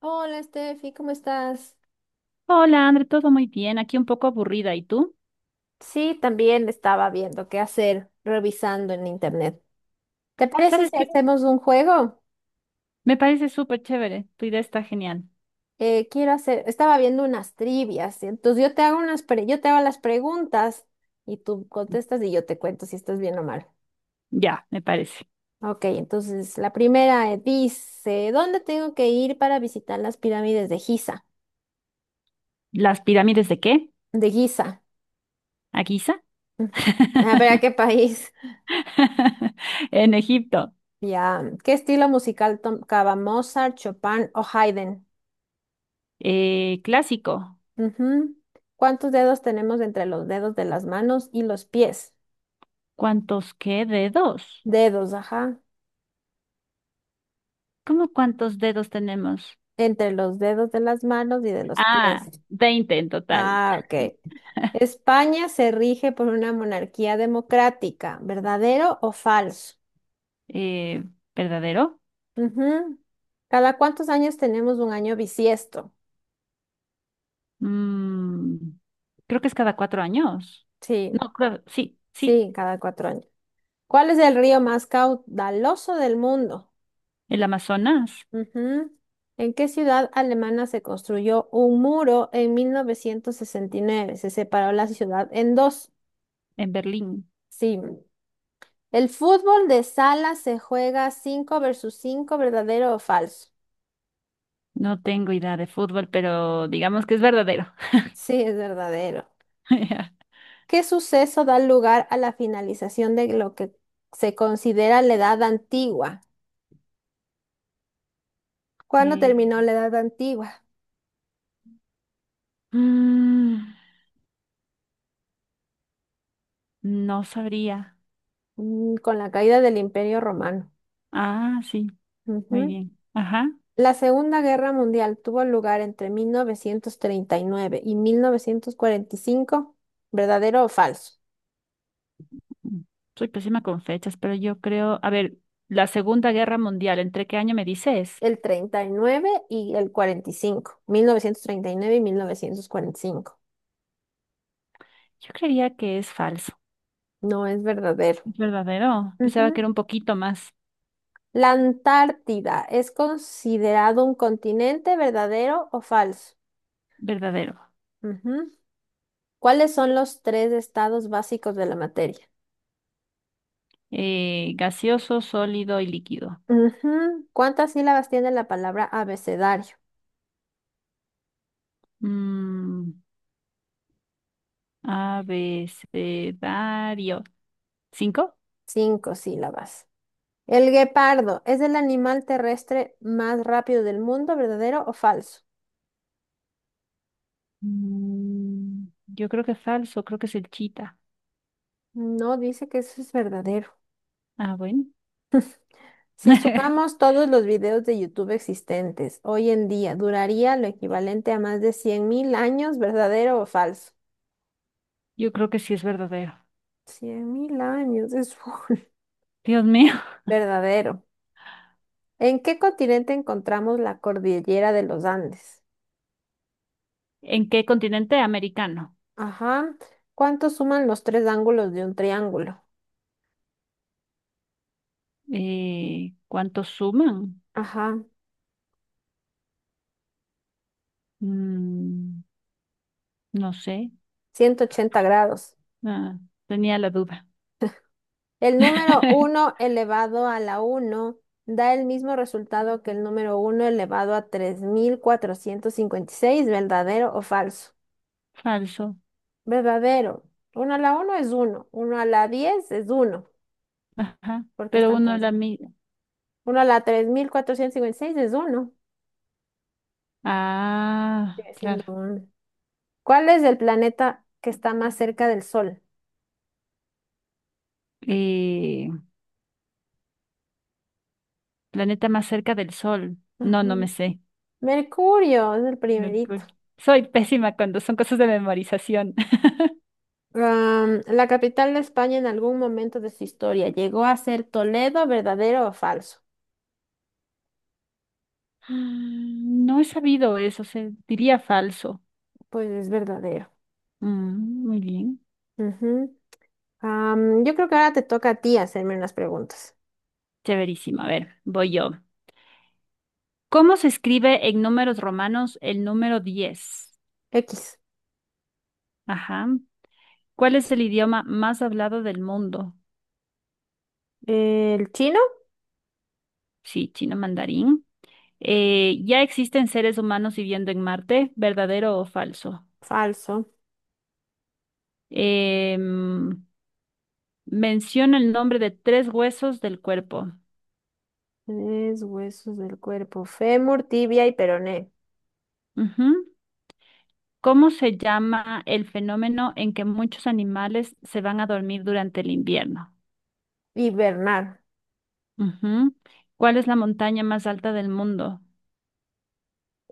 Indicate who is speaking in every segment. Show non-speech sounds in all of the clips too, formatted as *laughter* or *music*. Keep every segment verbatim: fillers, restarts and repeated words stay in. Speaker 1: Hola, Steffi, ¿cómo estás?
Speaker 2: Hola, André, todo muy bien. Aquí un poco aburrida. ¿Y tú?
Speaker 1: Sí, también estaba viendo qué hacer, revisando en internet. ¿Te parece
Speaker 2: ¿Sabes
Speaker 1: si
Speaker 2: qué?
Speaker 1: hacemos un juego?
Speaker 2: Me parece súper chévere. Tu idea está genial.
Speaker 1: Eh, quiero hacer, estaba viendo unas trivias, y entonces yo te hago unas, pre- yo te hago las preguntas y tú contestas y yo te cuento si estás bien o mal.
Speaker 2: Ya, me parece.
Speaker 1: Ok, entonces la primera eh, dice, ¿dónde tengo que ir para visitar las pirámides de Giza?
Speaker 2: ¿Las pirámides de qué?
Speaker 1: De Giza.
Speaker 2: ¿A Giza?
Speaker 1: Mm. Ah, pero ¿a
Speaker 2: *laughs*
Speaker 1: qué país? *laughs*
Speaker 2: En Egipto.
Speaker 1: Ya, ¿qué estilo musical tocaba Mozart, Chopin o Haydn?
Speaker 2: Eh, clásico.
Speaker 1: Ujú. ¿Cuántos dedos tenemos entre los dedos de las manos y los pies?
Speaker 2: ¿Cuántos qué dedos?
Speaker 1: Dedos, ajá.
Speaker 2: ¿Cómo cuántos dedos tenemos?
Speaker 1: Entre los dedos de las manos y de los
Speaker 2: Ah,
Speaker 1: pies.
Speaker 2: veinte en total.
Speaker 1: Ah, ok. España se rige por una monarquía democrática, ¿verdadero o falso?
Speaker 2: Eh, ¿verdadero?
Speaker 1: Ujú. ¿Cada cuántos años tenemos un año bisiesto?
Speaker 2: Mm, creo que es cada cuatro años.
Speaker 1: Sí,
Speaker 2: No, creo, sí, sí.
Speaker 1: sí, cada cuatro años. ¿Cuál es el río más caudaloso del mundo?
Speaker 2: El Amazonas,
Speaker 1: Ujú. ¿En qué ciudad alemana se construyó un muro en mil novecientos sesenta y nueve? Se separó la ciudad en dos.
Speaker 2: en Berlín.
Speaker 1: Sí. El fútbol de sala se juega cinco versus cinco. ¿Verdadero o falso?
Speaker 2: No tengo idea de fútbol, pero digamos que es verdadero.
Speaker 1: Sí, es verdadero.
Speaker 2: *laughs*
Speaker 1: ¿Qué suceso da lugar a la finalización de lo que se considera la Edad Antigua? ¿Cuándo
Speaker 2: Eh,
Speaker 1: terminó la Edad Antigua?
Speaker 2: mm, no sabría.
Speaker 1: Mm, con la caída del Imperio Romano.
Speaker 2: Ah, sí, muy
Speaker 1: Ujú.
Speaker 2: bien. Ajá.
Speaker 1: La Segunda Guerra Mundial tuvo lugar entre mil novecientos treinta y nueve y y mil novecientos cuarenta y cinco. ¿Verdadero o falso?
Speaker 2: Mm, Soy pésima con fechas, pero yo creo, a ver, la Segunda Guerra Mundial, ¿entre qué año me dices?
Speaker 1: El treinta y nueve y el cuarenta y cinco. Mil novecientos treinta y nueve y y mil novecientos cuarenta y cinco.
Speaker 2: Yo creía que es falso.
Speaker 1: No, es verdadero.
Speaker 2: ¿Es verdadero? Pensaba que era
Speaker 1: Ujú.
Speaker 2: un poquito más
Speaker 1: La Antártida es considerado un continente, ¿verdadero o falso?
Speaker 2: verdadero.
Speaker 1: Ujú. ¿Cuáles son los tres estados básicos de la materia?
Speaker 2: Eh, gaseoso, sólido y líquido.
Speaker 1: Ujú. ¿Cuántas sílabas tiene la palabra abecedario?
Speaker 2: Mm, abecedario. ¿Cinco?
Speaker 1: Cinco sílabas. El guepardo es el animal terrestre más rápido del mundo, ¿verdadero o falso?
Speaker 2: Mm, yo creo que es falso, creo que es el chita.
Speaker 1: No, dice que eso es verdadero.
Speaker 2: Ah, bueno.
Speaker 1: Si
Speaker 2: *laughs*
Speaker 1: sumamos todos los videos de YouTube existentes hoy en día, duraría lo equivalente a más de cien mil años, ¿verdadero o falso?
Speaker 2: Yo creo que sí es verdadero.
Speaker 1: Cien mil años, es full.
Speaker 2: Dios mío.
Speaker 1: *laughs* Verdadero. ¿En qué continente encontramos la cordillera de los Andes?
Speaker 2: ¿En qué continente americano?
Speaker 1: Ajá. ¿Cuánto suman los tres ángulos de un triángulo?
Speaker 2: Eh, ¿cuántos suman?
Speaker 1: Ajá.
Speaker 2: Mm, no sé.
Speaker 1: Ciento ochenta grados.
Speaker 2: Ah, tenía la duda.
Speaker 1: El número
Speaker 2: *laughs*
Speaker 1: uno elevado a la uno da el mismo resultado que el número uno elevado a tres mil cuatrocientos cincuenta y seis. ¿Verdadero o falso?
Speaker 2: Falso.
Speaker 1: Verdadero. Uno a la uno es uno. Uno a la diez es uno.
Speaker 2: Ajá.
Speaker 1: Porque
Speaker 2: Pero
Speaker 1: están
Speaker 2: uno
Speaker 1: tan...
Speaker 2: la mira.
Speaker 1: Uno a la tres mil cuatrocientos cincuenta y seis es uno.
Speaker 2: Ah,
Speaker 1: Sigue
Speaker 2: claro.
Speaker 1: siendo uno. ¿Cuál es el planeta que está más cerca del Sol?
Speaker 2: Eh, planeta más cerca del Sol. No,
Speaker 1: Ajá.
Speaker 2: no me sé.
Speaker 1: Mercurio es el primerito.
Speaker 2: Mercurio. Soy pésima cuando son cosas de memorización.
Speaker 1: Am, la capital de España en algún momento de su historia llegó a ser Toledo, ¿verdadero o falso?
Speaker 2: Mm, No he sabido eso, se diría falso.
Speaker 1: Pues es verdadero.
Speaker 2: Mm, muy bien.
Speaker 1: Ujú. Am, yo creo que ahora te toca a ti hacerme unas preguntas.
Speaker 2: Severísimo. A ver, voy yo. ¿Cómo se escribe en números romanos el número diez?
Speaker 1: X.
Speaker 2: Ajá. ¿Cuál es el idioma más hablado del mundo?
Speaker 1: ¿El chino?
Speaker 2: Sí, chino mandarín. Eh, ¿ya existen seres humanos viviendo en Marte? ¿Verdadero o falso?
Speaker 1: Falso.
Speaker 2: Em, menciona el nombre de tres huesos del cuerpo.
Speaker 1: Tres huesos del cuerpo. Fémur, tibia y peroné.
Speaker 2: Ujú. ¿Cómo se llama el fenómeno en que muchos animales se van a dormir durante el invierno?
Speaker 1: Hibernar.
Speaker 2: Ujú. ¿Cuál es la montaña más alta del mundo?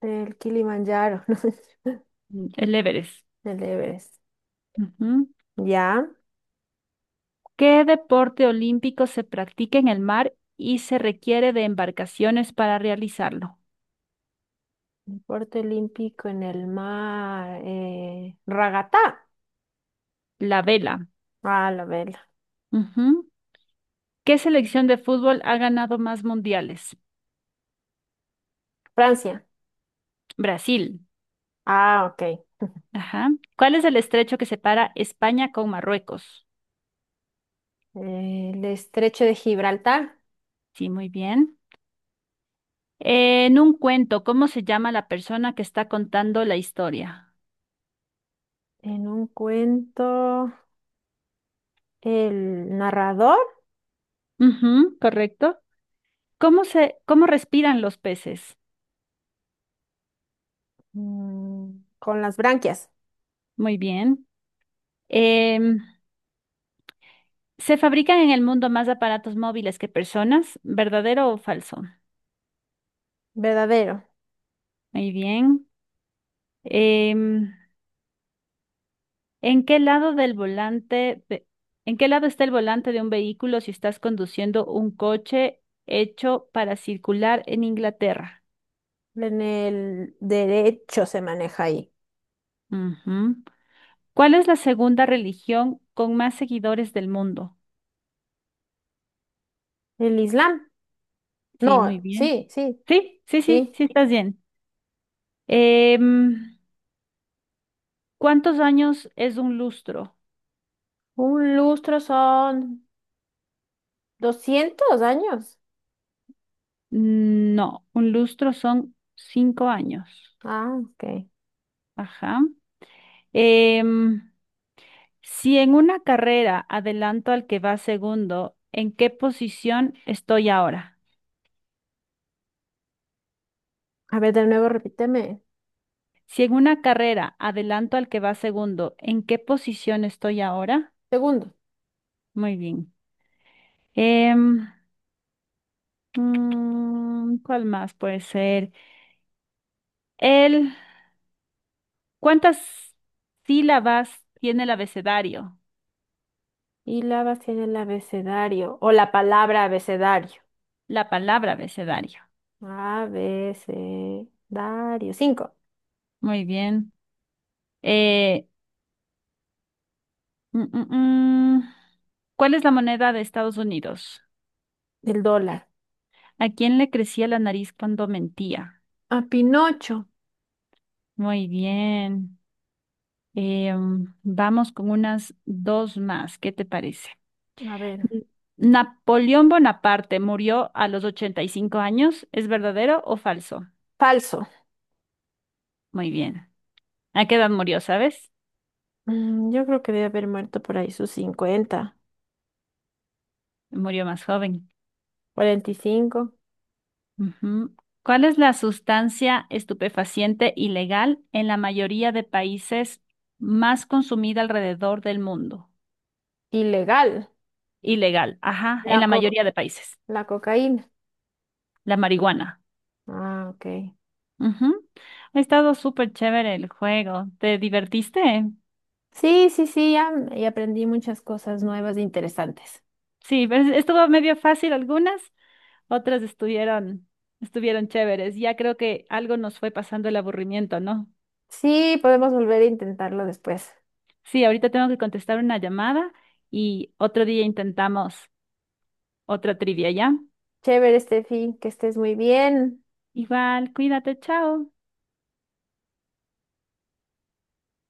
Speaker 1: El Kilimanjaro. *laughs* ¿No?
Speaker 2: Mm, El Everest.
Speaker 1: El Everest.
Speaker 2: Ujú.
Speaker 1: Ya.
Speaker 2: ¿Qué deporte olímpico se practica en el mar y se requiere de embarcaciones para realizarlo?
Speaker 1: Deporte olímpico en el mar. Eh, ragatá.
Speaker 2: La vela.
Speaker 1: Ah, la verga.
Speaker 2: Ujú. ¿Qué selección de fútbol ha ganado más mundiales?
Speaker 1: Francia.
Speaker 2: Brasil.
Speaker 1: Ah, ok.
Speaker 2: Ajá. ¿Cuál es el estrecho que separa España con Marruecos?
Speaker 1: El estrecho de Gibraltar.
Speaker 2: Sí, muy bien. En un cuento, ¿cómo se llama la persona que está contando la historia?
Speaker 1: En un cuento, el narrador.
Speaker 2: Ujú, correcto. ¿Cómo se, cómo respiran los peces?
Speaker 1: mm, con las branquias.
Speaker 2: Muy bien. Em, ¿se fabrican en el mundo más aparatos móviles que personas? ¿Verdadero o falso?
Speaker 1: Verdadero.
Speaker 2: Muy bien. Em, ¿en qué lado del volante, ve- en qué lado está el volante de un vehículo si estás conduciendo un coche hecho para circular en Inglaterra?
Speaker 1: En el derecho se maneja ahí.
Speaker 2: Ujú. ¿Cuál es la segunda religión con más seguidores del mundo?
Speaker 1: El Islam.
Speaker 2: Sí, muy
Speaker 1: No,
Speaker 2: bien.
Speaker 1: sí, sí,
Speaker 2: Sí, sí, sí,
Speaker 1: sí.
Speaker 2: sí, estás bien. Em, ¿cuántos años es un lustro?
Speaker 1: Un lustro son doscientos años.
Speaker 2: Mm, No, un lustro son cinco años.
Speaker 1: Ah, ok.
Speaker 2: Ajá. Em, si en una carrera adelanto al que va segundo, ¿en qué posición estoy ahora?
Speaker 1: A ver, de nuevo, repíteme.
Speaker 2: Si en una carrera adelanto al que va segundo, ¿en qué posición estoy ahora?
Speaker 1: Segundo.
Speaker 2: Muy bien. Em, Mm, ¿cuál más puede ser? El, ¿cuántas sílabas tiene el abecedario?
Speaker 1: Sílabas en el abecedario o la palabra abecedario.
Speaker 2: La palabra abecedario.
Speaker 1: Abecedario. Cinco.
Speaker 2: Muy bien. Eh, mm, mm, mm. ¿Cuál es la moneda de Estados Unidos?
Speaker 1: Del dólar.
Speaker 2: ¿A quién le crecía la nariz cuando mentía?
Speaker 1: A Pinocho.
Speaker 2: Muy bien. Eh, mm, vamos con unas dos más. ¿Qué te parece?
Speaker 1: A ver.
Speaker 2: N- Napoleón Bonaparte murió a los ochenta y cinco años. ¿Es verdadero o falso?
Speaker 1: Falso.
Speaker 2: Muy bien. ¿A qué edad murió, sabes?
Speaker 1: Mm, yo creo que debe haber muerto por ahí sus cincuenta,
Speaker 2: Murió más joven.
Speaker 1: cuarenta y cinco.
Speaker 2: Ujú. ¿Cuál es la sustancia estupefaciente ilegal en la mayoría de países más consumida alrededor del mundo?
Speaker 1: Ilegal.
Speaker 2: Ilegal, ajá, en
Speaker 1: La
Speaker 2: la
Speaker 1: co-
Speaker 2: mayoría de países.
Speaker 1: la cocaína.
Speaker 2: La marihuana.
Speaker 1: Ah, ok.
Speaker 2: Ujú. Ha estado súper chévere el juego. ¿Te divertiste?
Speaker 1: Sí, sí, sí, ya, y aprendí muchas cosas nuevas e interesantes.
Speaker 2: Sí, pues, estuvo medio fácil algunas, otras estuvieron, estuvieron chéveres. Ya creo que algo nos fue pasando el aburrimiento, ¿no?
Speaker 1: Sí, podemos volver a intentarlo después.
Speaker 2: Sí, ahorita tengo que contestar una llamada y otro día intentamos otra trivia, ¿ya?
Speaker 1: Chévere, Steffi, que estés muy bien.
Speaker 2: Igual, cuídate, chao.